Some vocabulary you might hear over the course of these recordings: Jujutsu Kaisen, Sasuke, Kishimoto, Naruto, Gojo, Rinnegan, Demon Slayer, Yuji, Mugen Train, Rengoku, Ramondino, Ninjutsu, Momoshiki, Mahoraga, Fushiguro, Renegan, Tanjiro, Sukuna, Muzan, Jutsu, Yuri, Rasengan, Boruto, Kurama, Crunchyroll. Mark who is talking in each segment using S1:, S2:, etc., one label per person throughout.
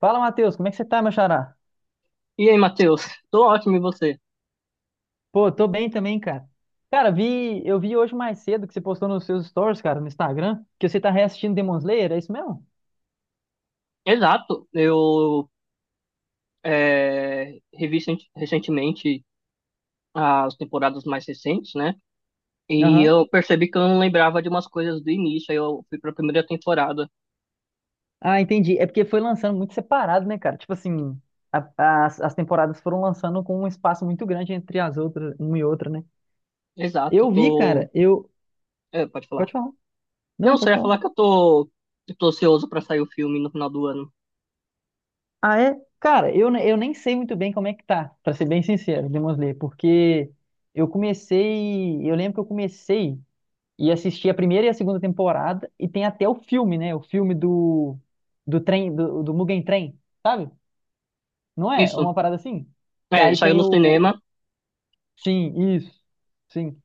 S1: Fala, Matheus, como é que você tá, meu xará?
S2: E aí, Matheus? Tô ótimo, e você?
S1: Pô, tô bem também, cara. Cara, vi, eu vi hoje mais cedo que você postou nos seus stories, cara, no Instagram, que você tá reassistindo Demon Slayer, é isso mesmo?
S2: Exato, revi recentemente as temporadas mais recentes, né? E
S1: Aham.
S2: eu percebi que eu não lembrava de umas coisas do início, aí eu fui pra primeira temporada.
S1: Ah, entendi. É porque foi lançando muito separado, né, cara? Tipo assim, as temporadas foram lançando com um espaço muito grande entre as outras, uma e outra, né?
S2: Exato,
S1: Eu vi,
S2: tô.
S1: cara, eu.
S2: É, pode falar.
S1: Pode falar.
S2: Não,
S1: Não,
S2: só
S1: pode
S2: ia
S1: falar.
S2: falar que eu tô ansioso pra sair o filme no final do ano.
S1: Ah, é? Cara, eu nem sei muito bem como é que tá, pra ser bem sincero, Demon Slayer, porque eu comecei. Eu lembro que eu comecei. E assisti a primeira e a segunda temporada, e tem até o filme, né? O filme do trem do Mugen Train, sabe? Não é? É
S2: Isso,
S1: uma parada assim? Que
S2: é,
S1: aí
S2: saiu
S1: tem
S2: no
S1: o
S2: cinema.
S1: sim, isso. Sim.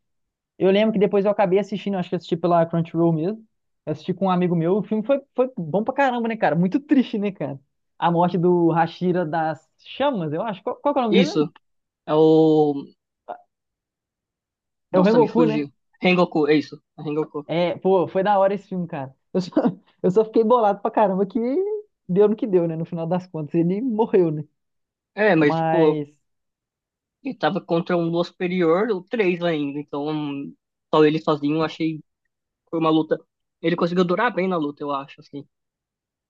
S1: Eu lembro que depois eu acabei assistindo, acho que eu assisti pela Crunchyroll mesmo. Eu assisti com um amigo meu, o filme foi bom pra caramba, né, cara? Muito triste, né, cara? A morte do Hashira das Chamas, eu acho. Qual, qual que é o nome dele
S2: Isso,
S1: mesmo?
S2: é o.
S1: É o
S2: Nossa, me
S1: Rengoku,
S2: fugiu.
S1: né?
S2: Rengoku, é isso, é Rengoku.
S1: É, pô, foi da hora esse filme, cara. Eu só, eu só fiquei bolado pra caramba que deu no que deu, né? No final das contas, ele morreu, né?
S2: É, mas tipo.
S1: Mas,
S2: Ele tava contra um Lua Superior, ou três ainda. Então, só ele sozinho, eu achei que foi uma luta. Ele conseguiu durar bem na luta, eu acho, assim.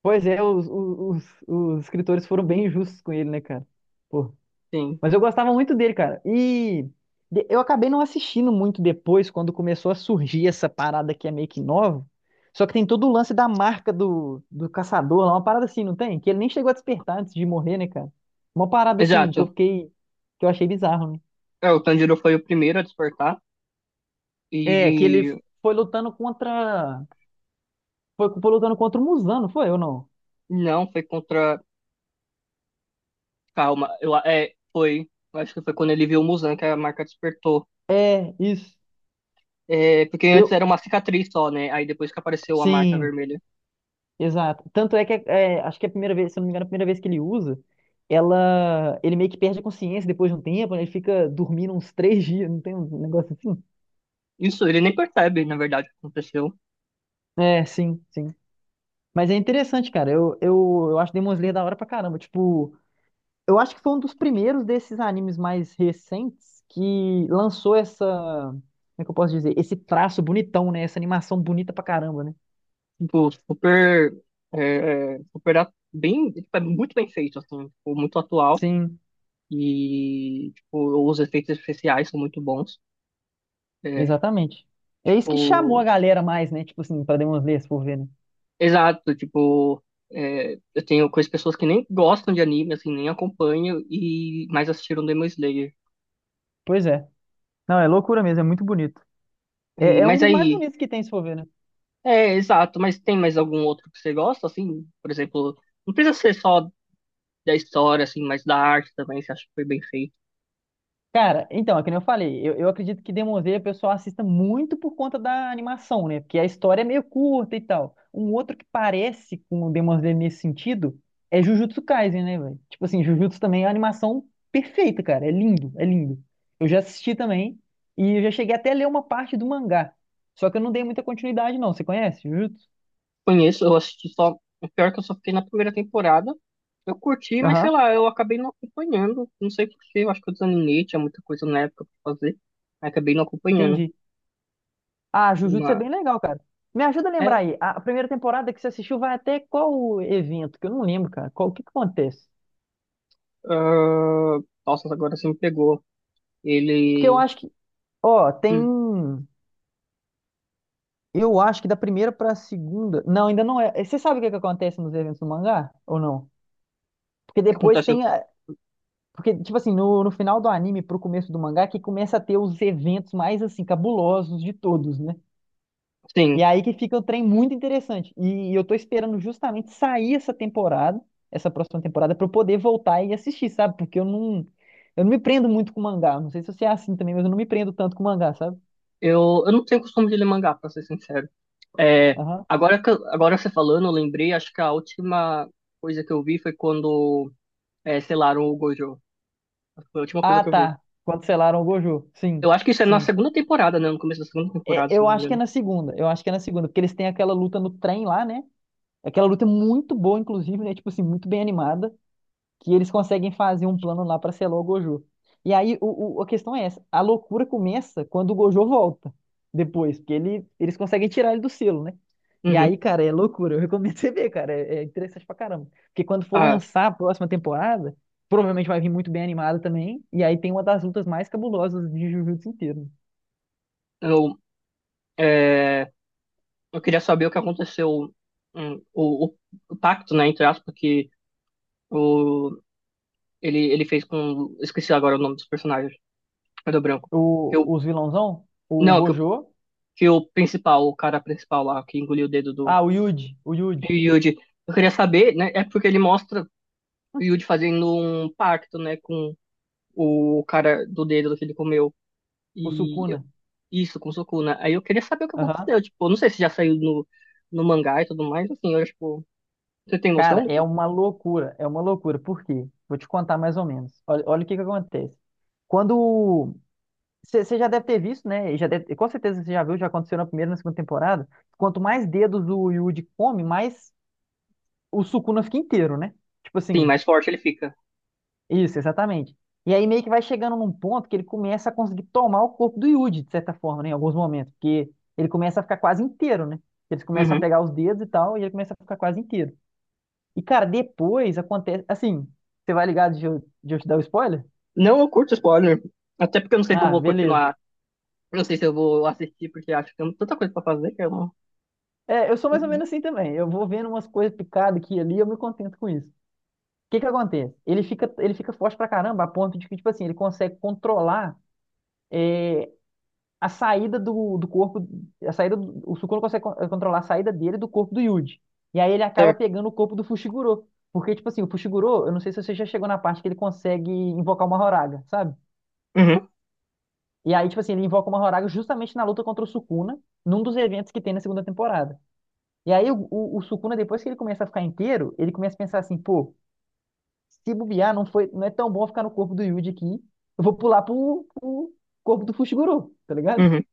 S1: pois é, os escritores foram bem injustos com ele, né, cara? Pô,
S2: Sim.
S1: mas eu gostava muito dele, cara. E eu acabei não assistindo muito depois, quando começou a surgir essa parada que é meio que nova. Só que tem todo o lance da marca do caçador lá, uma parada assim, não tem? Que ele nem chegou a despertar antes de morrer, né, cara? Uma parada assim que eu
S2: Exato.
S1: fiquei, que eu achei bizarro, né?
S2: É, o Tanjiro foi o primeiro a despertar. E,
S1: É, que ele
S2: e
S1: foi lutando contra. Foi lutando contra o Muzan, não foi ou não?
S2: não, foi contra. Calma, foi. Eu acho que foi quando ele viu o Muzan que a marca despertou.
S1: É, isso.
S2: É, porque antes era
S1: Eu.
S2: uma cicatriz só, né? Aí depois que apareceu a marca
S1: Sim,
S2: vermelha.
S1: exato. Tanto é que é, acho que é a primeira vez, se eu não me engano, a primeira vez que ele usa, ela. Ele meio que perde a consciência depois de um tempo, né? Ele fica dormindo uns três dias, não tem um negócio assim?
S2: Isso, ele nem percebe, na verdade, o que aconteceu.
S1: É, sim, sim. Mas é interessante, cara. Eu acho Demon Slayer da hora pra caramba. Tipo. Eu acho que foi um dos primeiros desses animes mais recentes que lançou essa, como é que eu posso dizer? Esse traço bonitão, né? Essa animação bonita pra caramba, né?
S2: Tipo, super, é, é, super bem, tipo, é muito bem feito, assim, tipo, muito atual.
S1: Sim,
S2: E, tipo, os efeitos especiais são muito bons. É,
S1: exatamente. É isso que chamou a
S2: tipo,
S1: galera mais, né? Tipo assim, pra Demon Slayer, se for ver, né?
S2: exato, tipo, eu tenho conheço pessoas que nem gostam de anime, assim, nem acompanham, e mais assistiram Demon Slayer.
S1: Pois é. Não, é loucura mesmo, é muito bonito. É,
S2: E,
S1: é um
S2: mas
S1: dos mais
S2: aí,
S1: bonitos que tem, se for ver, né?
S2: mas tem mais algum outro que você gosta, assim? Por exemplo, não precisa ser só da história, assim, mas da arte também, você acha que foi bem feito?
S1: Cara, então, é que nem eu falei, eu acredito que Demon Slayer o pessoal assista muito por conta da animação, né? Porque a história é meio curta e tal. Um outro que parece com o Demon Slayer nesse sentido é Jujutsu Kaisen, né, velho? Tipo assim, Jujutsu também é uma animação perfeita, cara. É lindo, é lindo. Eu já assisti também, e eu já cheguei até a ler uma parte do mangá. Só que eu não dei muita continuidade, não. Você conhece Jujutsu?
S2: Conheço, eu assisti só. O pior é que eu só fiquei na primeira temporada. Eu curti, mas sei
S1: Aham.
S2: lá, eu acabei não acompanhando. Não sei por quê, eu acho que eu desanimei, tinha muita coisa na época pra fazer. Aí acabei não acompanhando.
S1: Entendi. Ah, Jujutsu é
S2: Mas,
S1: bem legal, cara. Me ajuda a lembrar
S2: é,
S1: aí. A primeira temporada que você assistiu vai até qual evento? Que eu não lembro, cara. Qual, o que que acontece?
S2: ah, nossa, agora você me pegou.
S1: Porque eu
S2: Ele.
S1: acho que, ó,
S2: hum,
S1: tem. Eu acho que da primeira pra segunda. Não, ainda não é. Você sabe o que que acontece nos eventos do mangá? Ou não? Porque
S2: o que
S1: depois
S2: acontece?
S1: tem. Porque, tipo assim, no, no final do anime pro começo do mangá, que começa a ter os eventos mais, assim, cabulosos de todos, né?
S2: Sim,
S1: E aí que fica o trem muito interessante. E eu tô esperando justamente sair essa temporada, essa próxima temporada, pra eu poder voltar e assistir, sabe? Porque eu não me prendo muito com mangá. Não sei se você é assim também, mas eu não me prendo tanto com mangá, sabe?
S2: eu não tenho costume de ler mangá, pra ser sincero. É,
S1: Aham.
S2: agora, agora você falando, eu lembrei, acho que a última coisa que eu vi foi quando selaram o Gojo. Foi a última coisa
S1: Ah,
S2: que eu vi.
S1: tá. Cancelaram o Gojo.
S2: Eu
S1: Sim,
S2: acho que isso é na
S1: sim.
S2: segunda temporada, né? No começo da segunda
S1: É,
S2: temporada, se
S1: eu
S2: não me
S1: acho que é
S2: engano.
S1: na segunda. Eu acho que é na segunda, porque eles têm aquela luta no trem lá, né? Aquela luta é muito boa, inclusive, né? Tipo assim, muito bem animada. Que eles conseguem fazer um plano lá pra selar o Gojo. E aí a questão é essa, a loucura começa quando o Gojo volta depois, porque ele, eles conseguem tirar ele do selo, né? E
S2: Uhum.
S1: aí, cara, é loucura. Eu recomendo você ver, cara. É, é interessante pra caramba. Porque quando for
S2: Ah,
S1: lançar a próxima temporada, provavelmente vai vir muito bem animada também. E aí tem uma das lutas mais cabulosas de Jujutsu inteiro, né?
S2: eu, é, eu queria saber o que aconteceu, hum, o, o, o pacto, né, entre aspas, que o, ele fez com. Esqueci agora o nome dos personagens. Cadê o branco? Que o,
S1: O, os vilãozão, o
S2: não,
S1: Gojo,
S2: que o principal, o cara principal lá, que engoliu o dedo do
S1: ah, o Yuji,
S2: Yuji. Eu queria saber, né? É porque ele mostra o Yuji fazendo um pacto, né, com o cara do dedo que ele comeu.
S1: o
S2: E
S1: Sukuna.
S2: isso, com Sukuna. Aí eu queria saber o que
S1: Aham.
S2: aconteceu. Tipo, eu não sei se já saiu no mangá e tudo mais. Assim, você tem noção
S1: Cara,
S2: do
S1: é
S2: que?
S1: uma loucura, é uma loucura. Por quê? Vou te contar mais ou menos. Olha, olha o que que acontece. Quando você já deve ter visto, né? E já deve- com certeza você já viu, já aconteceu na primeira e na segunda temporada. Quanto mais dedos o Yuji come, mais o Sukuna fica inteiro, né? Tipo
S2: Sim,
S1: assim,
S2: mais forte ele fica.
S1: isso, exatamente. E aí meio que vai chegando num ponto que ele começa a conseguir tomar o corpo do Yuji, de certa forma, né? Em alguns momentos, porque ele começa a ficar quase inteiro, né? Eles começam a
S2: Uhum.
S1: pegar os dedos e tal, e ele começa a ficar quase inteiro. E, cara, depois acontece. Assim, você vai ligado de eu te dar o spoiler?
S2: Não, eu curto spoiler. Até porque eu não sei se eu
S1: Ah,
S2: vou
S1: beleza.
S2: continuar. Eu não sei se eu vou assistir, porque acho que tem tanta coisa pra fazer que eu não.
S1: É, eu sou mais ou menos assim também. Eu vou vendo umas coisas picadas aqui e ali, eu me contento com isso. O que que acontece? Ele fica forte pra caramba, a ponto de que, tipo assim, ele consegue controlar é, a saída do corpo. A saída do, o Sukuna consegue controlar a saída dele do corpo do Yuji. E aí ele acaba
S2: Certo.
S1: pegando o corpo do Fushiguro. Porque, tipo assim, o Fushiguro, eu não sei se você já chegou na parte que ele consegue invocar uma Horaga, sabe?
S2: Uhum,
S1: E aí, tipo assim, ele invoca o Mahoraga justamente na luta contra o Sukuna, num dos eventos que tem na segunda temporada. E aí, o Sukuna, depois que ele começa a ficar inteiro, ele começa a pensar assim, pô, se bobear, não foi, não é tão bom ficar no corpo do Yuji aqui, eu vou pular pro corpo do Fushiguro, tá ligado?
S2: uhum.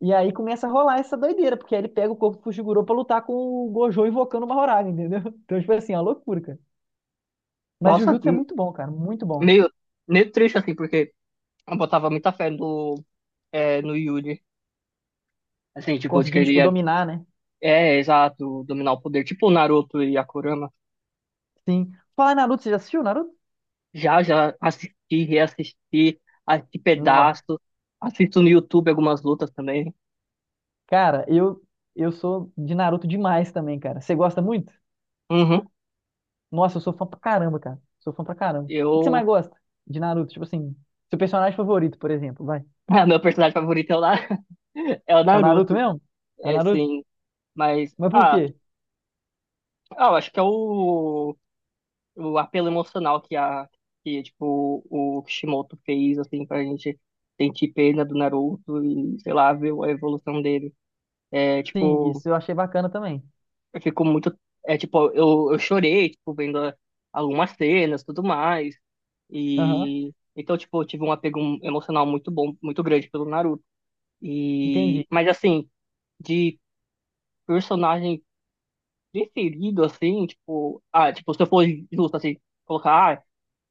S1: E aí começa a rolar essa doideira, porque aí ele pega o corpo do Fushiguro pra lutar com o Gojo invocando o Mahoraga, entendeu? Então, tipo assim, é uma loucura, cara. Mas
S2: Nossa,
S1: Jujutsu é muito bom, cara, muito bom.
S2: meio, meio triste, assim, porque eu botava muita fé no Yuri. Assim, tipo, de que
S1: Conseguindo,
S2: ele
S1: tipo,
S2: ia.
S1: dominar, né?
S2: É, exato, dominar o poder. Tipo o Naruto e a Kurama.
S1: Sim. Falar em Naruto, você já assistiu Naruto?
S2: Já assisti, reassisti, assisti
S1: Não.
S2: pedaços, assisto no YouTube algumas lutas também.
S1: Cara, eu sou de Naruto demais também, cara. Você gosta muito?
S2: Uhum.
S1: Nossa, eu sou fã pra caramba, cara. Sou fã pra caramba. O que que você
S2: Eu,
S1: mais gosta de Naruto? Tipo assim, seu personagem favorito, por exemplo, vai.
S2: ah, meu personagem favorito é o
S1: É o Naruto
S2: Naruto,
S1: mesmo? É o
S2: é,
S1: Naruto?
S2: sim. Mas,
S1: Mas por
S2: ah,
S1: quê?
S2: eu acho que é o apelo emocional que o Kishimoto fez, assim, pra gente sentir pena do Naruto e, sei lá, ver a evolução dele. É,
S1: Sim,
S2: tipo,
S1: isso eu achei bacana também.
S2: Eu fico muito. Eu chorei, tipo, algumas cenas, tudo mais.
S1: Aham,
S2: E então, tipo, eu tive um apego emocional muito bom, muito grande pelo Naruto. E
S1: entendi.
S2: mas assim, de personagem preferido assim, se eu for justo assim, colocar ah,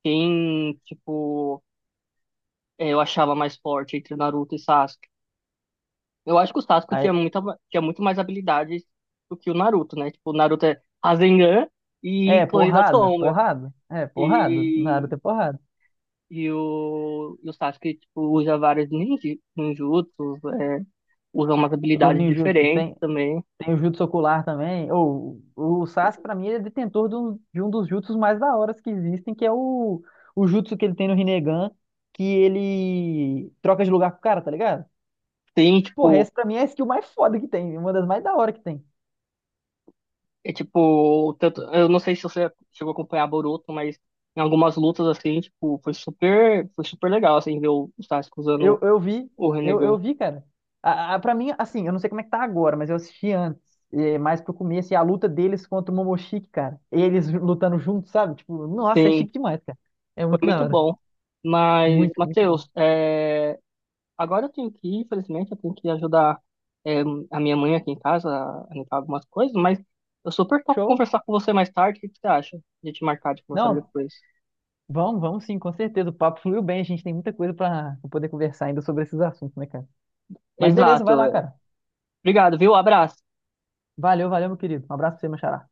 S2: quem, tipo, eh, eu achava mais forte entre o Naruto e Sasuke. Eu acho que o Sasuke tinha
S1: Aí-
S2: tinha muito mais habilidades do que o Naruto, né? Tipo, o Naruto é Rasengan e
S1: É,
S2: Clone da
S1: porrada,
S2: Sombra.
S1: porrada. É, porrada.
S2: E,
S1: Naruto é porrada.
S2: e o Sasuke, tipo, usa ninjutsus, é, usa umas
S1: O
S2: habilidades
S1: Ninjutsu
S2: diferentes
S1: tem.
S2: também.
S1: Tem o Jutsu Ocular também. Ou, o Sasuke, pra mim, ele é detentor de um dos Jutsus mais da hora que existem, que é o Jutsu que ele tem no Rinnegan, que ele troca de lugar com o cara, tá ligado?
S2: Tem,
S1: Porra,
S2: tipo,
S1: essa pra mim é a skill mais foda que tem, uma das mais da hora que tem.
S2: é tipo, tanto, eu não sei se você chegou a acompanhar Boruto, mas em algumas lutas, assim, tipo, foi super legal, assim, ver o Sasuke
S1: Eu,
S2: usando
S1: eu vi,
S2: o
S1: eu
S2: Renegan.
S1: vi, cara. A, pra mim, assim, eu não sei como é que tá agora, mas eu assisti antes, é, mais pro começo, e a luta deles contra o Momoshiki, cara. Eles lutando juntos, sabe? Tipo, nossa, é
S2: Sim,
S1: chique demais, cara. É
S2: foi
S1: muito da
S2: muito
S1: hora.
S2: bom. Mas,
S1: Muito, muito bom.
S2: Matheus, é, agora eu tenho que ir, infelizmente, eu tenho que ajudar é, a minha mãe aqui em casa a limpar algumas coisas, mas eu super topo
S1: Show.
S2: conversar com você mais tarde. O que que você acha de te marcar de conversar
S1: Não,
S2: depois?
S1: vamos, vamos sim, com certeza. O papo fluiu bem, a gente tem muita coisa para poder conversar ainda sobre esses assuntos, né, cara? Mas beleza, vai
S2: Exato,
S1: lá,
S2: é.
S1: cara.
S2: Obrigado, viu? Abraço.
S1: Valeu, valeu, meu querido. Um abraço pra você, meu xará.